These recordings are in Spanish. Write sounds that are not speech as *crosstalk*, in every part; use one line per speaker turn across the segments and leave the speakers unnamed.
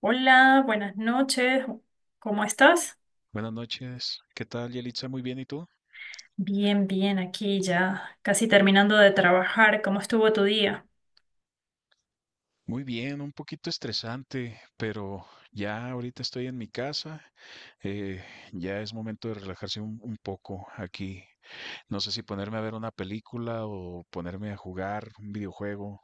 Hola, buenas noches. ¿Cómo estás?
Buenas noches. ¿Qué tal, Yelitza? Muy bien, ¿y tú?
Bien, bien, aquí ya casi terminando de trabajar. ¿Cómo estuvo tu día?
Muy bien, un poquito estresante, pero ya ahorita estoy en mi casa. eh, ya es momento de relajarse un poco aquí. No sé si ponerme a ver una película o ponerme a jugar un videojuego.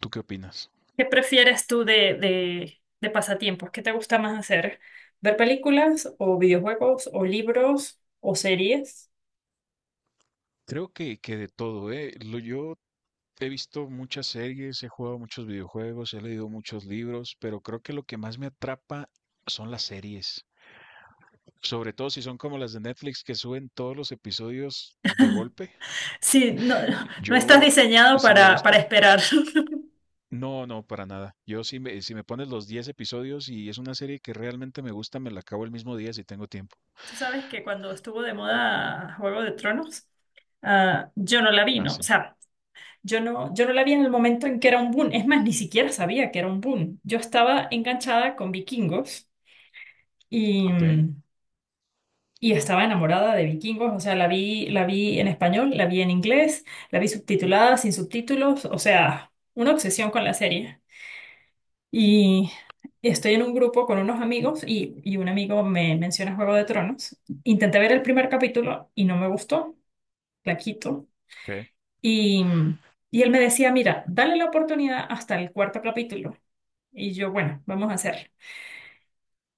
¿Tú qué opinas?
¿Qué prefieres tú de pasatiempos? ¿Qué te gusta más hacer? ¿Ver películas o videojuegos o libros o series?
Creo que de todo, ¿eh? Lo, yo he visto muchas series, he jugado muchos videojuegos, he leído muchos libros, pero creo que lo que más me atrapa son las series. Sobre todo si son como las de Netflix que suben todos los episodios de golpe.
Sí, no, no estás
Yo
diseñado
sí me
para,
gusta.
para esperar. *laughs*
No, no, para nada. Yo si me pones los 10 episodios y es una serie que realmente me gusta, me la acabo el mismo día si tengo tiempo.
Tú sabes que cuando estuvo de moda Juego de Tronos, yo no la vi,
Ah,
¿no? O
sí.
sea, yo no la vi en el momento en que era un boom. Es más, ni siquiera sabía que era un boom. Yo estaba enganchada con Vikingos y,
Ok,
y estaba enamorada de Vikingos. O sea, la vi en español, la vi en inglés, la vi subtitulada, sin subtítulos. O sea, una obsesión con la serie. Y estoy en un grupo con unos amigos y un amigo me menciona Juego de Tronos. Intenté ver el primer capítulo y no me gustó. La quito.
ok.
Y, y él me decía, mira, dale la oportunidad hasta el cuarto capítulo. Y yo, bueno, vamos a hacerlo.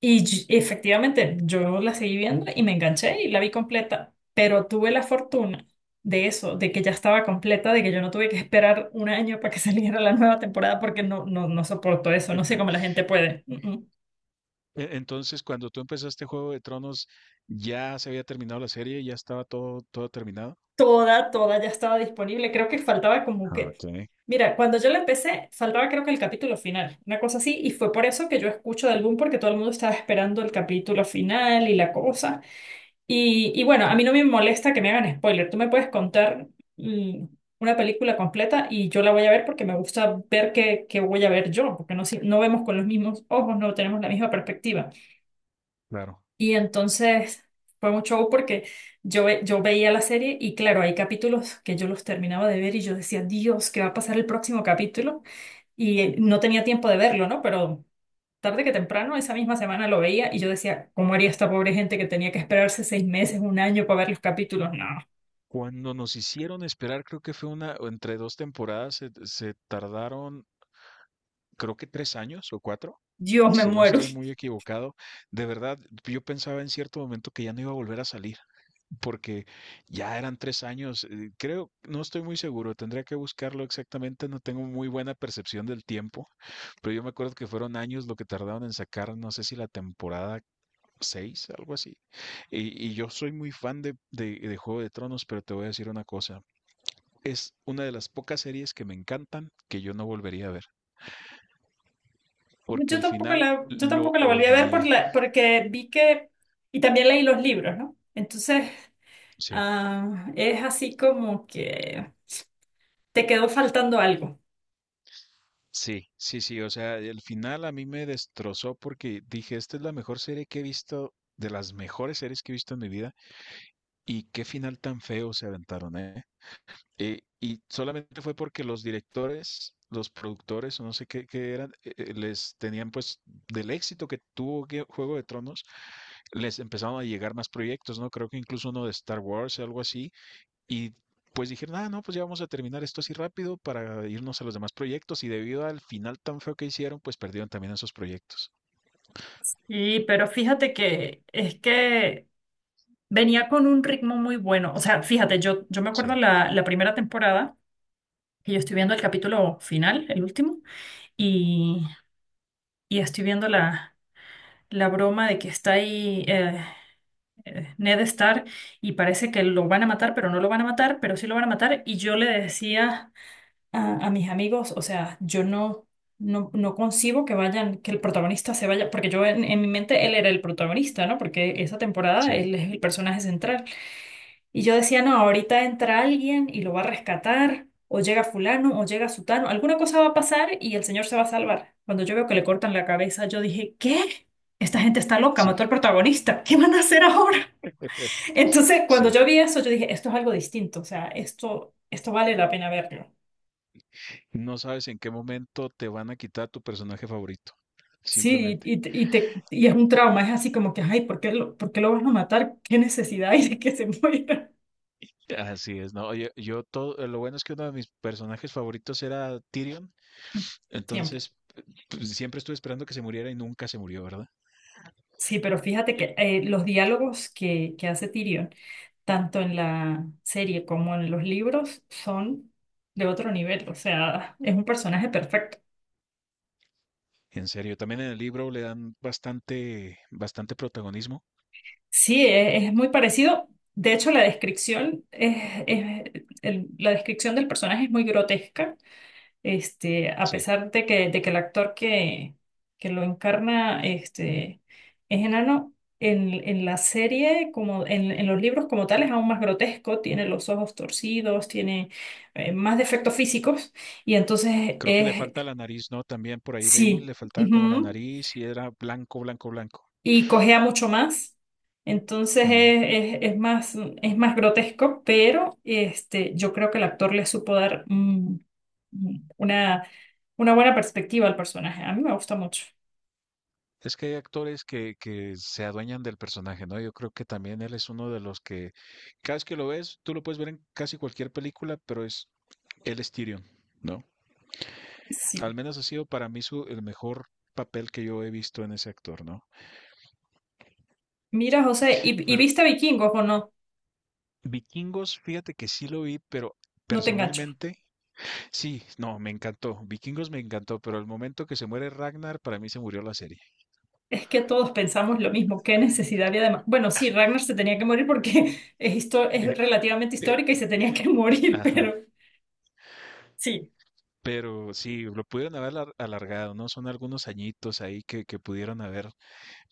Efectivamente, yo la seguí viendo y me enganché y la vi completa, pero tuve la fortuna de eso, de que ya estaba completa, de que yo no tuve que esperar un año para que *laughs* saliera la nueva temporada porque no soporto eso, no sé cómo la
*laughs*
gente puede. Mm.
Entonces, cuando tú empezaste Juego de Tronos, ¿ya se había terminado la serie? ¿Ya estaba todo terminado?
Toda, toda ya estaba disponible, creo que faltaba como
Ah,
que...
ok,
Mira, cuando yo la empecé, faltaba creo que el capítulo final, una cosa así, y fue por eso que yo escucho de algún porque todo el mundo estaba esperando el capítulo final y la cosa. Y bueno, a mí no me molesta que me hagan spoiler. Tú me puedes contar mm, una película completa y yo la voy a ver porque me gusta ver qué voy a ver yo, porque no, no vemos con los mismos ojos, no tenemos la misma perspectiva.
claro.
Y entonces fue un show porque yo veía la serie y claro, hay capítulos que yo los terminaba de ver y yo decía, Dios, ¿qué va a pasar el próximo capítulo? Y no tenía tiempo de verlo, ¿no? Pero tarde que temprano, esa misma semana lo veía y yo decía, ¿cómo haría esta pobre gente que tenía que esperarse seis meses, un año para ver los capítulos? No,
Cuando nos hicieron esperar, creo que fue una, o entre dos temporadas, se tardaron, creo que tres años o cuatro,
Dios, me
si no
muero.
estoy muy
*laughs*
equivocado, de verdad, yo pensaba en cierto momento que ya no iba a volver a salir, porque ya eran tres años, creo, no estoy muy seguro, tendría que buscarlo exactamente, no tengo muy buena percepción del tiempo, pero yo me acuerdo que fueron años lo que tardaron en sacar, no sé si la temporada seis, algo así. Y yo soy muy fan de, de Juego de Tronos, pero te voy a decir una cosa. Es una de las pocas series que me encantan que yo no volvería a ver, porque el final
Yo
lo
tampoco la volví a ver por
odié.
porque vi que, y también leí los libros, ¿no? Entonces,
Sí,
ah, es así como que te quedó faltando algo.
sí, o sea, el final a mí me destrozó porque dije, esta es la mejor serie que he visto, de las mejores series que he visto en mi vida, y qué final tan feo se aventaron, ¿eh? Y solamente fue porque los directores, los productores, o no sé qué, qué eran, les tenían pues del éxito que tuvo Juego de Tronos, les empezaron a llegar más proyectos, ¿no? Creo que incluso uno de Star Wars, algo así, y pues dijeron, ah, no, pues ya vamos a terminar esto así rápido para irnos a los demás proyectos. Y debido al final tan feo que hicieron, pues perdieron también esos proyectos.
Y, pero fíjate que es que venía con un ritmo muy bueno. O sea, fíjate, yo me acuerdo
Sí,
la primera temporada, que yo estoy viendo el capítulo final, el último. Y estoy viendo la broma de que está ahí Ned Stark y parece que lo van a matar, pero no lo van a matar, pero sí lo van a matar. Y yo le decía a mis amigos, o sea, yo no, no, no concibo que vayan, que el protagonista se vaya, porque yo en mi mente él era el protagonista, ¿no? Porque esa temporada
sí,
él es el personaje central. Y yo decía, no, ahorita entra alguien y lo va a rescatar, o llega fulano, o llega sutano, alguna cosa va a pasar y el señor se va a salvar. Cuando yo veo que le cortan la cabeza, yo dije, ¿qué? Esta gente está loca, mató
sí,
al protagonista, ¿qué van a hacer ahora?
*laughs*
*laughs* Entonces, cuando
sí.
yo vi eso, yo dije, esto es algo distinto, o sea, esto vale la pena verlo.
No sabes en qué momento te van a quitar tu personaje favorito.
Sí,
Simplemente.
y es un trauma, es así como que, ay, ¿por qué lo van a matar? ¿Qué necesidad hay de que se *laughs* muera?
Así es, no. Oye, yo todo, lo bueno es que uno de mis personajes favoritos era Tyrion,
Siempre.
entonces pues, siempre estuve esperando que se muriera y nunca se murió, ¿verdad?
Sí, pero fíjate que los diálogos que hace Tyrion tanto en la serie como en los libros, son de otro nivel. O sea, es un personaje perfecto.
En serio, también en el libro le dan bastante protagonismo.
Sí, es muy parecido. De hecho, es- la descripción del personaje es muy grotesca. Este, a
Sí.
pesar de que el actor que lo encarna este, es enano, en la serie, como en los libros como tal, es aún más grotesco. Tiene los ojos torcidos, tiene más defectos físicos. Y
Creo que le falta la nariz, ¿no? También por ahí leí,
sí,
le faltaba como la
ujú.
nariz y era blanco, blanco.
Y cojea mucho más. Entonces
Mm.
es, es- es más, es más grotesco, pero este, yo creo que el actor le supo dar mm, una, una buena perspectiva al personaje. A mí me gusta mucho.
Es que hay actores que se adueñan del personaje, ¿no? Yo creo que también él es uno de los que, cada vez que lo ves, tú lo puedes ver en casi cualquier película, pero es, él es Tyrion, ¿no? Al
Sí.
menos ha sido para mí su, el mejor papel que yo he visto en ese actor, ¿no?
Mira, José, y
Pero
viste Vikingos o no?
Vikingos, fíjate que sí lo vi, pero
No te engancho.
personalmente, sí, no, me encantó. Vikingos me encantó, pero el momento que se muere Ragnar, para mí se murió la serie.
Es que todos pensamos lo mismo. ¿Qué necesidad había de bueno, sí, Ragnar se tenía que morir porque *laughs* es, es
Eh,
relativamente
eh,
histórica y se tenía
eh,
que *laughs* morir,
ajá.
pero sí.
Pero sí, lo pudieron alargado, ¿no? Son algunos añitos ahí que pudieron haber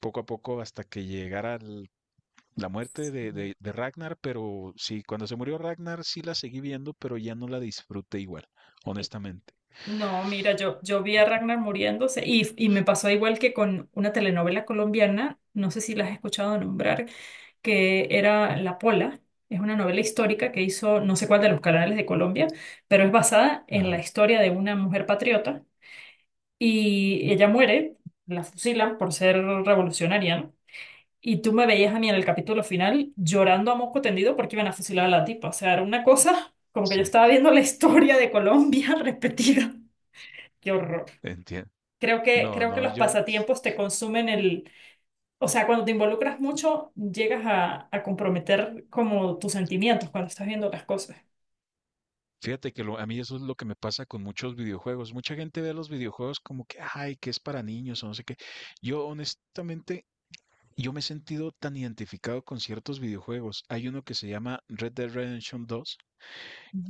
poco a poco hasta que llegara la muerte de, de Ragnar, pero sí, cuando se murió Ragnar sí la seguí viendo, pero ya no la disfruté igual, honestamente.
No, mira, yo vi a Ragnar muriéndose y me pasó igual que con una telenovela colombiana, no sé si la has escuchado nombrar, que era La Pola. Es una novela histórica que hizo no sé cuál de los canales de Colombia, pero es basada en la
Ajá,
historia de una mujer patriota y ella muere, la fusilan por ser revolucionaria, ¿no? Y tú me veías a mí en el capítulo final llorando a moco tendido porque iban a fusilar a la tipa. O sea, era una cosa como que yo
sí,
estaba viendo la historia de Colombia *laughs* repetida. Qué horror.
entiendo. No,
Creo que
no,
los
yo,
pasatiempos te consumen el, o sea, cuando te involucras mucho, llegas a comprometer como tus sentimientos cuando estás viendo las cosas.
fíjate que a mí eso es lo que me pasa con muchos videojuegos. Mucha gente ve los videojuegos como que, ay, que es para niños o no sé qué. Yo honestamente yo me he sentido tan identificado con ciertos videojuegos. Hay uno que se llama Red Dead Redemption 2,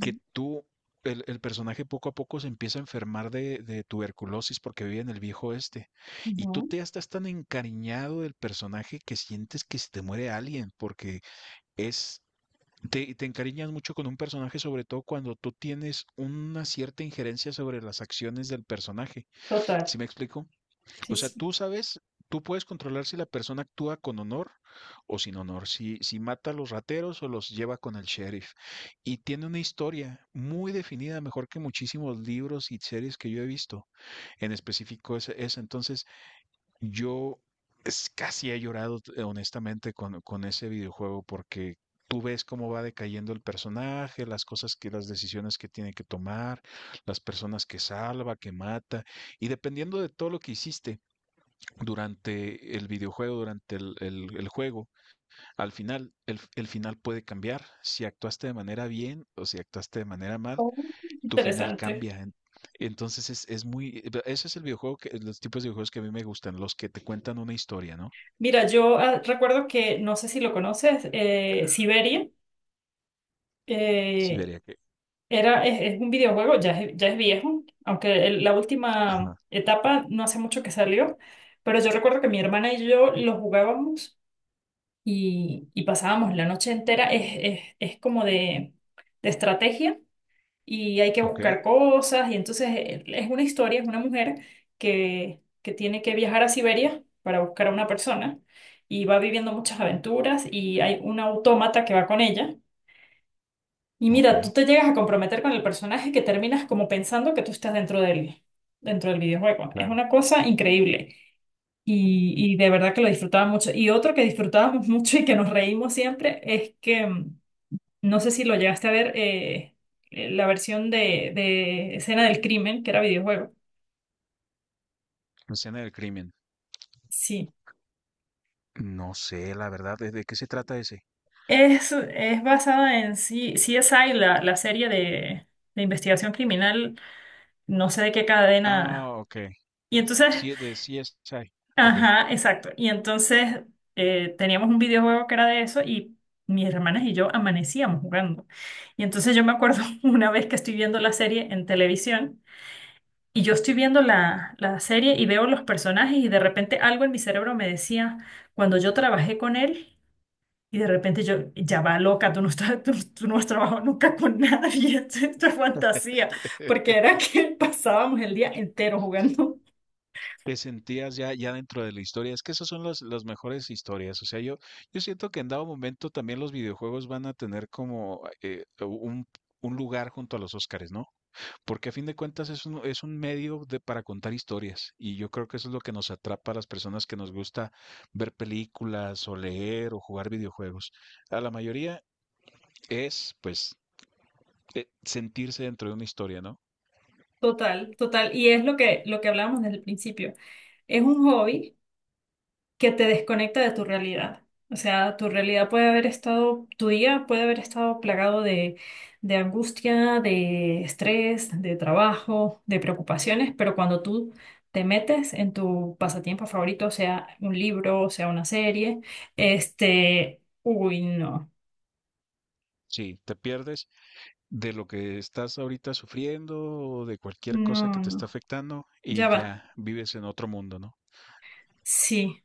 que tú, el personaje poco a poco se empieza a enfermar de tuberculosis porque vive en el viejo oeste. Y tú
ujú.
te estás tan encariñado del personaje que sientes que se te muere alguien porque es... Te encariñas mucho con un personaje, sobre todo cuando tú tienes una cierta injerencia sobre las acciones del personaje.
Total.
¿Sí me explico?
Sí,
O sea,
sí.
tú sabes, tú puedes controlar si la persona actúa con honor o sin honor, si mata a los rateros o los lleva con el sheriff. Y tiene una historia muy definida, mejor que muchísimos libros y series que yo he visto. En específico esa. Entonces, yo casi he llorado, honestamente, con ese videojuego porque... Tú ves cómo va decayendo el personaje, las cosas que, las decisiones que tiene que tomar, las personas que salva, que mata, y dependiendo de todo lo que hiciste, durante el videojuego, durante el juego. Al final, el final puede cambiar. Si actuaste de manera bien o si actuaste de manera mal,
Oh,
tu final
interesante.
cambia. Entonces es muy, ese es el videojuego que, los tipos de videojuegos que a mí me gustan, los que te cuentan una historia, ¿no?
Mira, yo recuerdo que, no sé si lo conoces, Siberia
Sí,
eh,
vería que.
es un videojuego, ya es viejo, aunque la última
Ajá.
etapa no hace mucho que salió, pero yo recuerdo que mi hermana y yo lo jugábamos y pasábamos la noche entera, es como de estrategia y hay que
Ok,
buscar cosas y entonces es una historia, es una mujer que tiene que viajar a Siberia para buscar a una persona y va viviendo muchas aventuras y hay un autómata que va con ella y
Ok,
mira, tú te llegas a comprometer con el personaje que terminas como pensando que tú estás dentro dentro del videojuego. Es
claro.
una cosa increíble. Y de verdad que lo disfrutaba mucho. Y otro que disfrutábamos *laughs* mucho y que nos reímos siempre es que, no sé si lo llegaste a ver, la versión de Escena del Crimen, que era videojuego.
Escena del crimen.
Sí.
No sé, la verdad, de qué se trata ese?
Es basada en CSI, la serie de investigación criminal, no sé de qué cadena.
Ah, ok.
Y entonces
Sí, de CSI. Ok.
ajá, exacto. Y entonces teníamos un videojuego que era de eso y mis hermanas y yo amanecíamos jugando. Y entonces yo me acuerdo *laughs* una vez que estoy viendo la serie en televisión y yo estoy viendo la serie y veo los personajes y de repente algo en mi cerebro me decía, cuando yo trabajé con él, y de repente yo, ya va loca, tú no has trabajado nunca con nadie, *laughs* esto es fantasía, porque
*laughs*
era que *laughs* pasábamos el día entero jugando.
Te sentías ya ya dentro de la historia. Es que esas son las mejores historias. O sea, yo yo siento que en dado momento también los videojuegos van a tener como, un lugar junto a los Óscares, ¿no? Porque a fin de cuentas es un medio de para contar historias, y yo creo que eso es lo que nos atrapa a las personas que nos gusta ver películas, o leer, o jugar videojuegos. A la mayoría es, pues, sentirse dentro de una historia, ¿no?
Total, total. Y es lo que hablábamos desde el principio. Es un hobby que te desconecta de tu realidad. O sea, tu realidad puede haber estado, tu día puede haber estado plagado de angustia, de estrés, de trabajo, de preocupaciones, pero cuando tú te metes en tu pasatiempo favorito, sea un libro, sea una serie, este, uy, no,
Sí, te pierdes de lo que estás ahorita sufriendo o de cualquier cosa
no,
que te está
no,
afectando
ya
y
va,
ya vives en otro mundo, ¿no?
sí.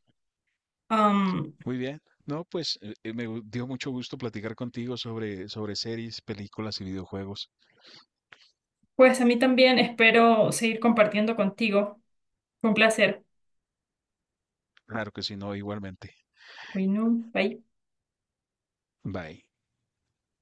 Am,
Muy bien. No, pues me dio mucho gusto platicar contigo sobre, sobre series, películas y videojuegos.
pues a mí también espero seguir compartiendo contigo. Fue un placer.
Claro que sí, no, igualmente.
Uy, no, bye.
Bye.